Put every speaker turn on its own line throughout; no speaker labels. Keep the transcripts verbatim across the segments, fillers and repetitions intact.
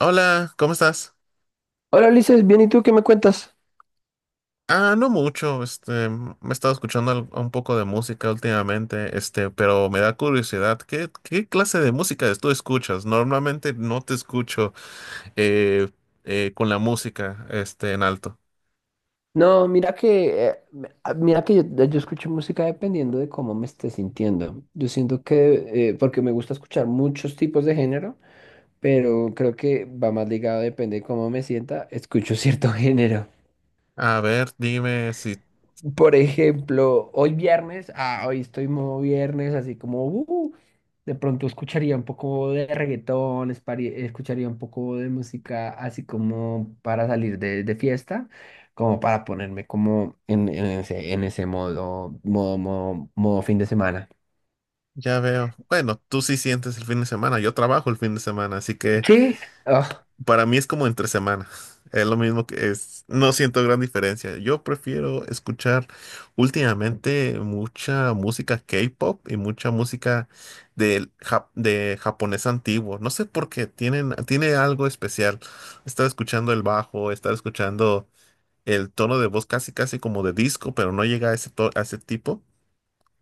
Hola, ¿cómo estás?
Hola Ulises, bien, ¿y tú qué me cuentas?
Ah, no mucho, este, me he estado escuchando al- un poco de música últimamente, este, pero me da curiosidad, ¿qué, qué clase de música tú escuchas? Normalmente no te escucho eh, eh, con la música, este, en alto.
No, mira que, eh, me- ah, mira que yo, yo escucho música dependiendo de cómo me esté sintiendo. Yo siento que, eh, porque me gusta escuchar muchos tipos de género, pero creo que va más ligado, depende de cómo me sienta, escucho cierto género.
A ver, dime si
Por ejemplo, hoy viernes, ah, hoy estoy modo viernes, así como, uh, de pronto escucharía un poco de reggaetón, espari- escucharía un poco de música, así como para salir de, de fiesta, como para ponerme como en, en ese, en ese modo, modo, modo, modo fin de semana.
ya veo. Bueno, tú sí sientes el fin de semana, yo trabajo el fin de semana, así que
Sí.
para mí es como entre semana. Es lo mismo que es. No siento gran diferencia. Yo prefiero escuchar últimamente mucha música K-pop y mucha música del ja- de japonés antiguo. No sé por qué. Tienen, tiene algo especial. Estar escuchando el bajo, estar escuchando el tono de voz casi casi como de disco, pero no llega a ese, to- a ese tipo.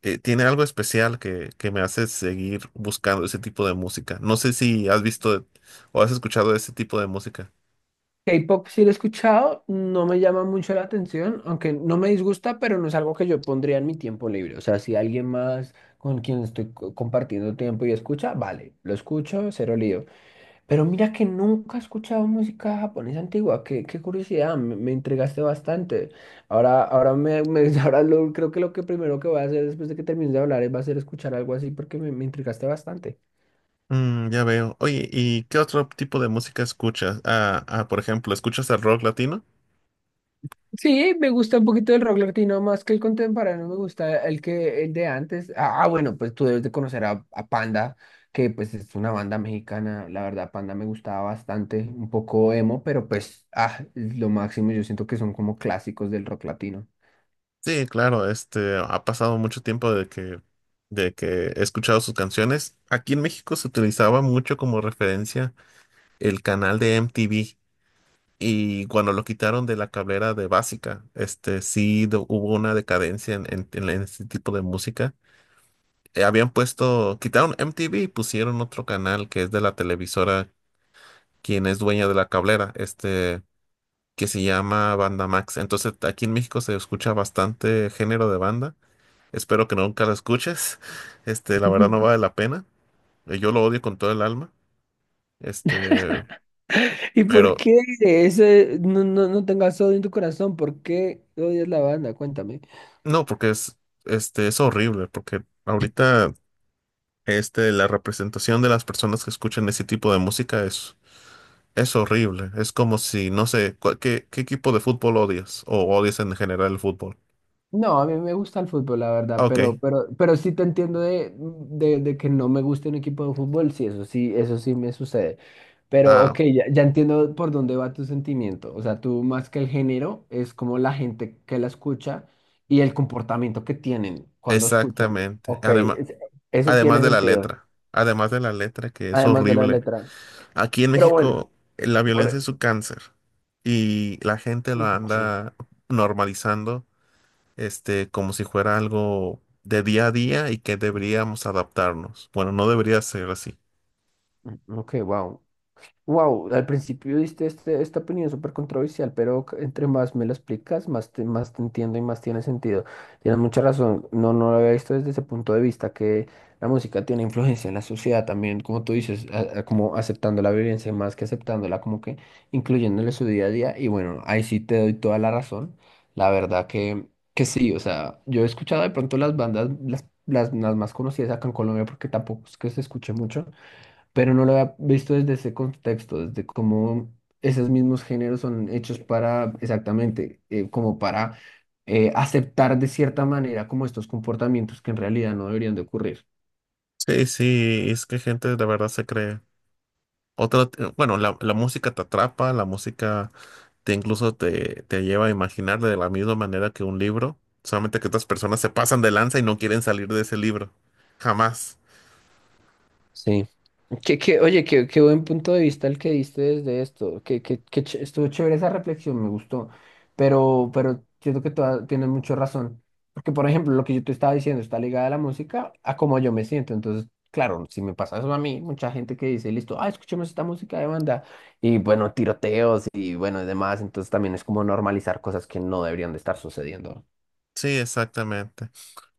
Eh, tiene algo especial que, que me hace seguir buscando ese tipo de música. No sé si has visto o has escuchado ese tipo de música.
K-pop sí lo he escuchado, no me llama mucho la atención, aunque no me disgusta, pero no es algo que yo pondría en mi tiempo libre. O sea, si alguien más con quien estoy co- compartiendo tiempo y escucha, vale, lo escucho, cero lío. Pero mira que nunca he escuchado música japonesa antigua, qué, qué curiosidad, me, me intrigaste bastante. Ahora, ahora, me, me- ahora lo- creo que lo que primero que voy a hacer después de que termine de hablar es va a ser escuchar algo así porque me, me intrigaste bastante.
Mm, ya veo. Oye, ¿y qué otro tipo de música escuchas? Ah, ah, por ejemplo, ¿escuchas el rock latino?
Sí, me gusta un poquito el rock latino más que el contemporáneo, me gusta el que el de antes. Ah, bueno, pues tú debes de conocer a, a Panda, que pues es una banda mexicana. La verdad, Panda me gustaba bastante, un poco emo, pero pues ah, es lo máximo. Yo siento que son como clásicos del rock latino.
Sí, claro, este, ha pasado mucho tiempo de que, de que he escuchado sus canciones. Aquí en México se utilizaba mucho como referencia el canal de M T V y cuando lo quitaron de la cablera de Básica, este, sí do- hubo una decadencia en, en, en este tipo de música. Eh, habían puesto, quitaron M T V y pusieron otro canal que es de la televisora, quien es dueña de la cablera, este... que se llama Banda Max. Entonces, aquí en México se escucha bastante género de banda. Espero que nunca lo escuches. Este, la verdad no vale la pena. Eh, Yo lo odio con todo el alma. Este,
¿Y por
pero
qué ese no, no, no tengas odio en tu corazón? ¿Por qué odias la banda? Cuéntame.
no, porque es, este, es horrible, porque ahorita, este, la representación de las personas que escuchan ese tipo de música es, es horrible. Es como si, no sé, cua- ¿qué, qué equipo de fútbol odias? O odias en general el fútbol.
No, a mí me gusta el fútbol, la verdad,
Ah, ok.
pero, pero, pero sí te entiendo de, de, de que no me guste un equipo de fútbol, sí, eso sí, eso sí me sucede. Pero
Ah,
ok, ya, ya entiendo por dónde va tu sentimiento. O sea, tú más que el género, es como la gente que la escucha y el comportamiento que tienen cuando escuchan.
exactamente.
Ok,
Además,
es- eso
además
tiene
de la
sentido,
letra, además de la letra que es
además de la
horrible.
letra.
Aquí en
Pero bueno,
México eh, la violencia
por-
es un cáncer y la gente lo
ujú, sí.
anda normalizando, este, como si fuera algo de día a día y que deberíamos adaptarnos. Bueno, no debería ser así.
Mm, Ok, wow. Wow, al principio diste este, esta opinión súper controversial, pero c- entre más me lo explicas, más te, más te entiendo y más tiene sentido. Tienes mucha razón, no, no lo había visto desde ese punto de vista, que la música tiene influencia en la sociedad también, como tú dices, a- a- como aceptando la violencia más que aceptándola, como que incluyéndole su día a día. Y bueno, ahí sí te doy toda la razón. La verdad que, que sí, o sea, yo he escuchado de pronto las bandas, las, las, las más conocidas acá en Colombia, porque tampoco es que se escuche mucho pero no lo había visto desde ese contexto, desde cómo esos mismos géneros son hechos para, exactamente, eh, como para eh, aceptar de cierta manera como estos comportamientos que en realidad no deberían de ocurrir.
Sí, sí, es que gente de verdad se cree. Otra, eh, bueno, la, la música te atrapa, la música te incluso te, te lleva a imaginar de la misma manera que un libro, solamente que otras personas se pasan de lanza y no quieren salir de ese libro. Jamás.
Sí. Que, que, oye, qué, qué buen punto de vista el que diste desde esto. Que, que, que ch- estuvo chévere esa reflexión, me gustó. Pero, pero siento que toda- tienes mucha razón. Porque, por ejemplo, lo que yo te estaba diciendo está ligada a la música, a cómo yo me siento. Entonces, claro, si me pasa eso a mí, mucha gente que dice, listo, ah, escuchemos esta música de banda. Y bueno, tiroteos y bueno, y demás. Entonces también es como normalizar cosas que no deberían de estar sucediendo.
Sí, exactamente.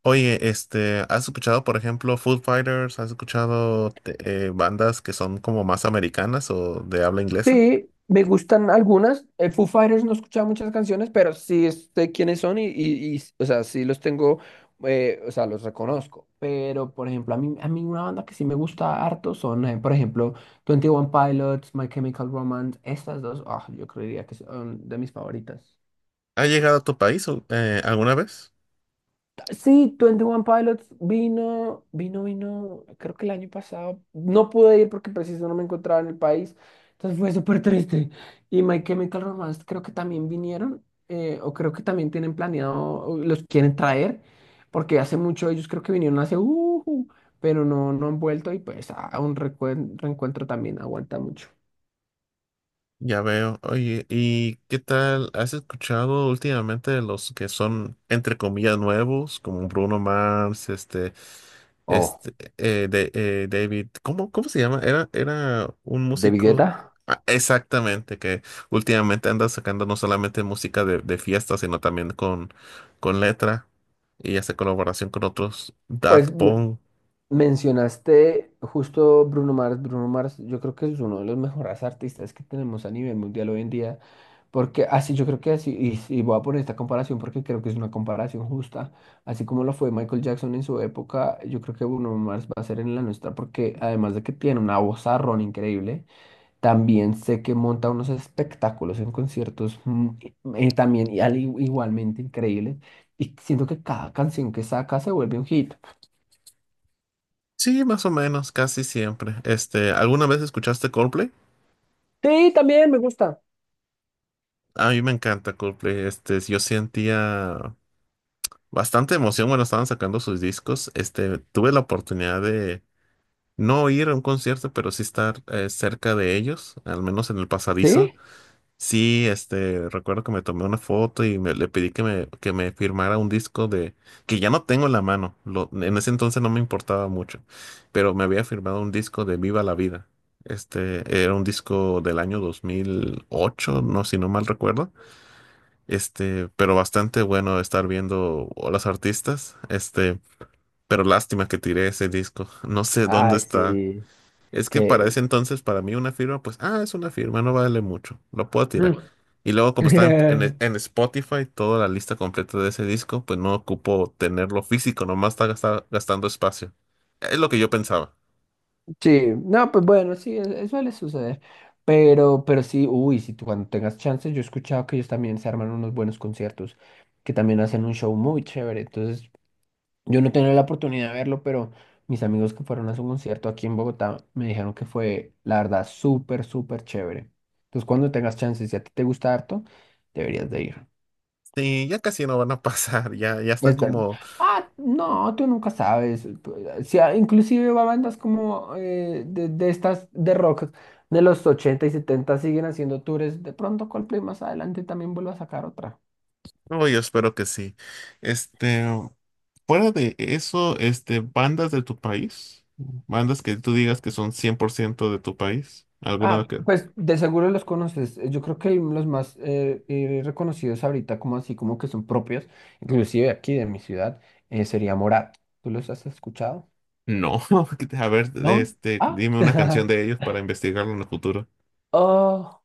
Oye, este, ¿has escuchado, por ejemplo, Foo Fighters? ¿Has escuchado te- eh, bandas que son como más americanas o de habla inglesa?
Sí, me gustan algunas. Eh, Foo Fighters no he escuchado muchas canciones, pero sí sé quiénes son y, y, y, o sea, sí los tengo, eh, o sea, los reconozco. Pero, por ejemplo, a mí, a mí una banda que sí me gusta harto son, eh, por ejemplo, Twenty One Pilots, My Chemical Romance, estas dos, ah, yo creería que son de mis favoritas.
¿Ha llegado a tu país o- eh, alguna vez?
Sí, Twenty One Pilots vino, vino, vino, creo que el año pasado. No pude ir porque preciso no me encontraba en el país. Entonces fue súper triste. Y My Chemical Romance creo que también vinieron, eh, o creo que también tienen planeado, o los quieren traer, porque hace mucho ellos creo que vinieron hace, uh, pero no, no han vuelto y pues a un recuen- reencuentro también aguanta mucho.
Ya veo. Oye, ¿y qué tal? ¿Has escuchado últimamente los que son, entre comillas, nuevos, como Bruno Mars? este.
Oh,
Este, eh, de, eh, David, ¿cómo, cómo se llama? Era, era un
¿de
músico.
Guetta?
Ah, exactamente, que últimamente anda sacando no solamente música de, de fiesta, sino también con, con letra y hace colaboración con otros. Daft
Pues, no.
Punk.
Mencionaste justo Bruno Mars. Bruno Mars, yo creo que es uno de los mejores artistas que tenemos a nivel mundial hoy en día, porque así yo creo que así, y, y voy a poner esta comparación porque creo que es una comparación justa, así como lo fue Michael Jackson en su época, yo creo que Bruno Mars va a ser en la nuestra, porque además de que tiene una vozarrón increíble, también sé que monta unos espectáculos en conciertos mm, eh, también y al- igualmente increíbles, y siento que cada canción que saca se vuelve un hit.
Sí, más o menos, casi siempre. Este, ¿alguna vez escuchaste Coldplay?
Sí, también me gusta.
A mí me encanta Coldplay. Este, yo sentía bastante emoción cuando estaban sacando sus discos. Este, tuve la oportunidad de no ir a un concierto, pero sí estar eh, cerca de ellos, al menos en el pasadizo.
¿Sí?
Sí, este, recuerdo que me tomé una foto y me, le pedí que me, que me firmara un disco de, que ya no tengo en la mano, lo- en ese entonces no me importaba mucho, pero me había firmado un disco de Viva la Vida. Este, era un disco del año dos mil ocho, no, si no mal recuerdo. Este, pero bastante bueno estar viendo a los artistas. Este, pero lástima que tiré ese disco. No sé dónde
Ay,
está.
sí.
Es que para
Que...
ese entonces, para mí, una firma, pues, ah, es una firma, no vale mucho, lo puedo tirar.
Mm.
Y luego, como está en, en- en Spotify, toda la lista completa de ese disco, pues no ocupo tenerlo físico, nomás está gasta- gastando espacio. Es lo que yo pensaba.
Sí, no, pues bueno, sí, es- es- suele suceder. Pero, pero sí, uy, si tú cuando tengas chance, yo he escuchado que ellos también se arman unos buenos conciertos, que también hacen un show muy chévere. Entonces, yo no tenía la oportunidad de verlo, pero mis amigos que fueron a su concierto aquí en Bogotá me dijeron que fue, la verdad, súper, súper chévere. Entonces, cuando tengas chance, si a ti te gusta harto, deberías de ir.
Sí, ya casi no van a pasar, ya, ya están
Es verdad.
como,
Ah, no, tú nunca sabes. tú- si a- inclusive va bandas como eh, de, de estas de rock de los ochenta y setenta siguen haciendo tours. De pronto Coldplay más adelante también vuelve a sacar otra.
no, yo espero que sí. Este, Fuera de eso, este, bandas de tu país, bandas que tú digas que son cien por ciento de tu país, alguna
Ah,
que,
pues de seguro los conoces. Eh, yo creo que los más eh, eh, reconocidos ahorita, como así, como que son propios, inclusive aquí de mi ciudad, eh, sería Morat. ¿Tú los has escuchado?
no. A ver,
¿No?
este,
Ah.
dime una canción de ellos para investigarlo en el futuro.
Oh.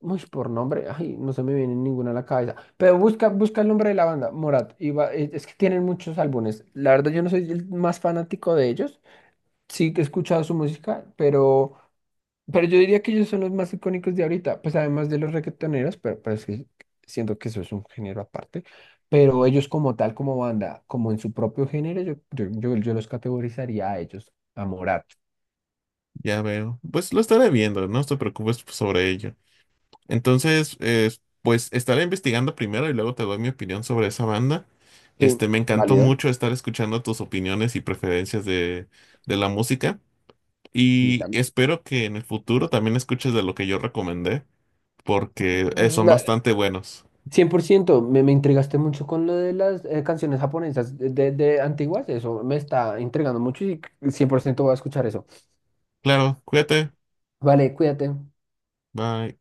Uy, por nombre, ay, no se me viene ninguna a la cabeza. Pero busca, busca el nombre de la banda, Morat. Y va- es es que tienen muchos álbumes. La verdad, yo no soy el más fanático de ellos. Sí que he escuchado su música, pero, pero yo diría que ellos son los más icónicos de ahorita. Pues además de los reggaetoneros, pero, pero es que siento que eso es un género aparte. Pero ellos como tal, como banda, como en su propio género, yo, yo, yo, yo los categorizaría a ellos, a Morat.
Ya veo. Pues lo estaré viendo, no te preocupes sobre ello. Entonces, eh, pues estaré investigando primero y luego te doy mi opinión sobre esa banda.
Sí,
Este, me encantó
válido.
mucho estar escuchando tus opiniones y preferencias de, de la música.
Y
Y
tal.
espero que en el futuro también escuches de lo que yo recomendé, porque eh, son bastante buenos.
Cien por ciento me, me intrigaste mucho con lo de las eh, canciones japonesas de, de de antiguas, eso me está intrigando mucho y cien por ciento voy a escuchar eso.
Claro, cuídate.
Vale, cuídate.
Bye.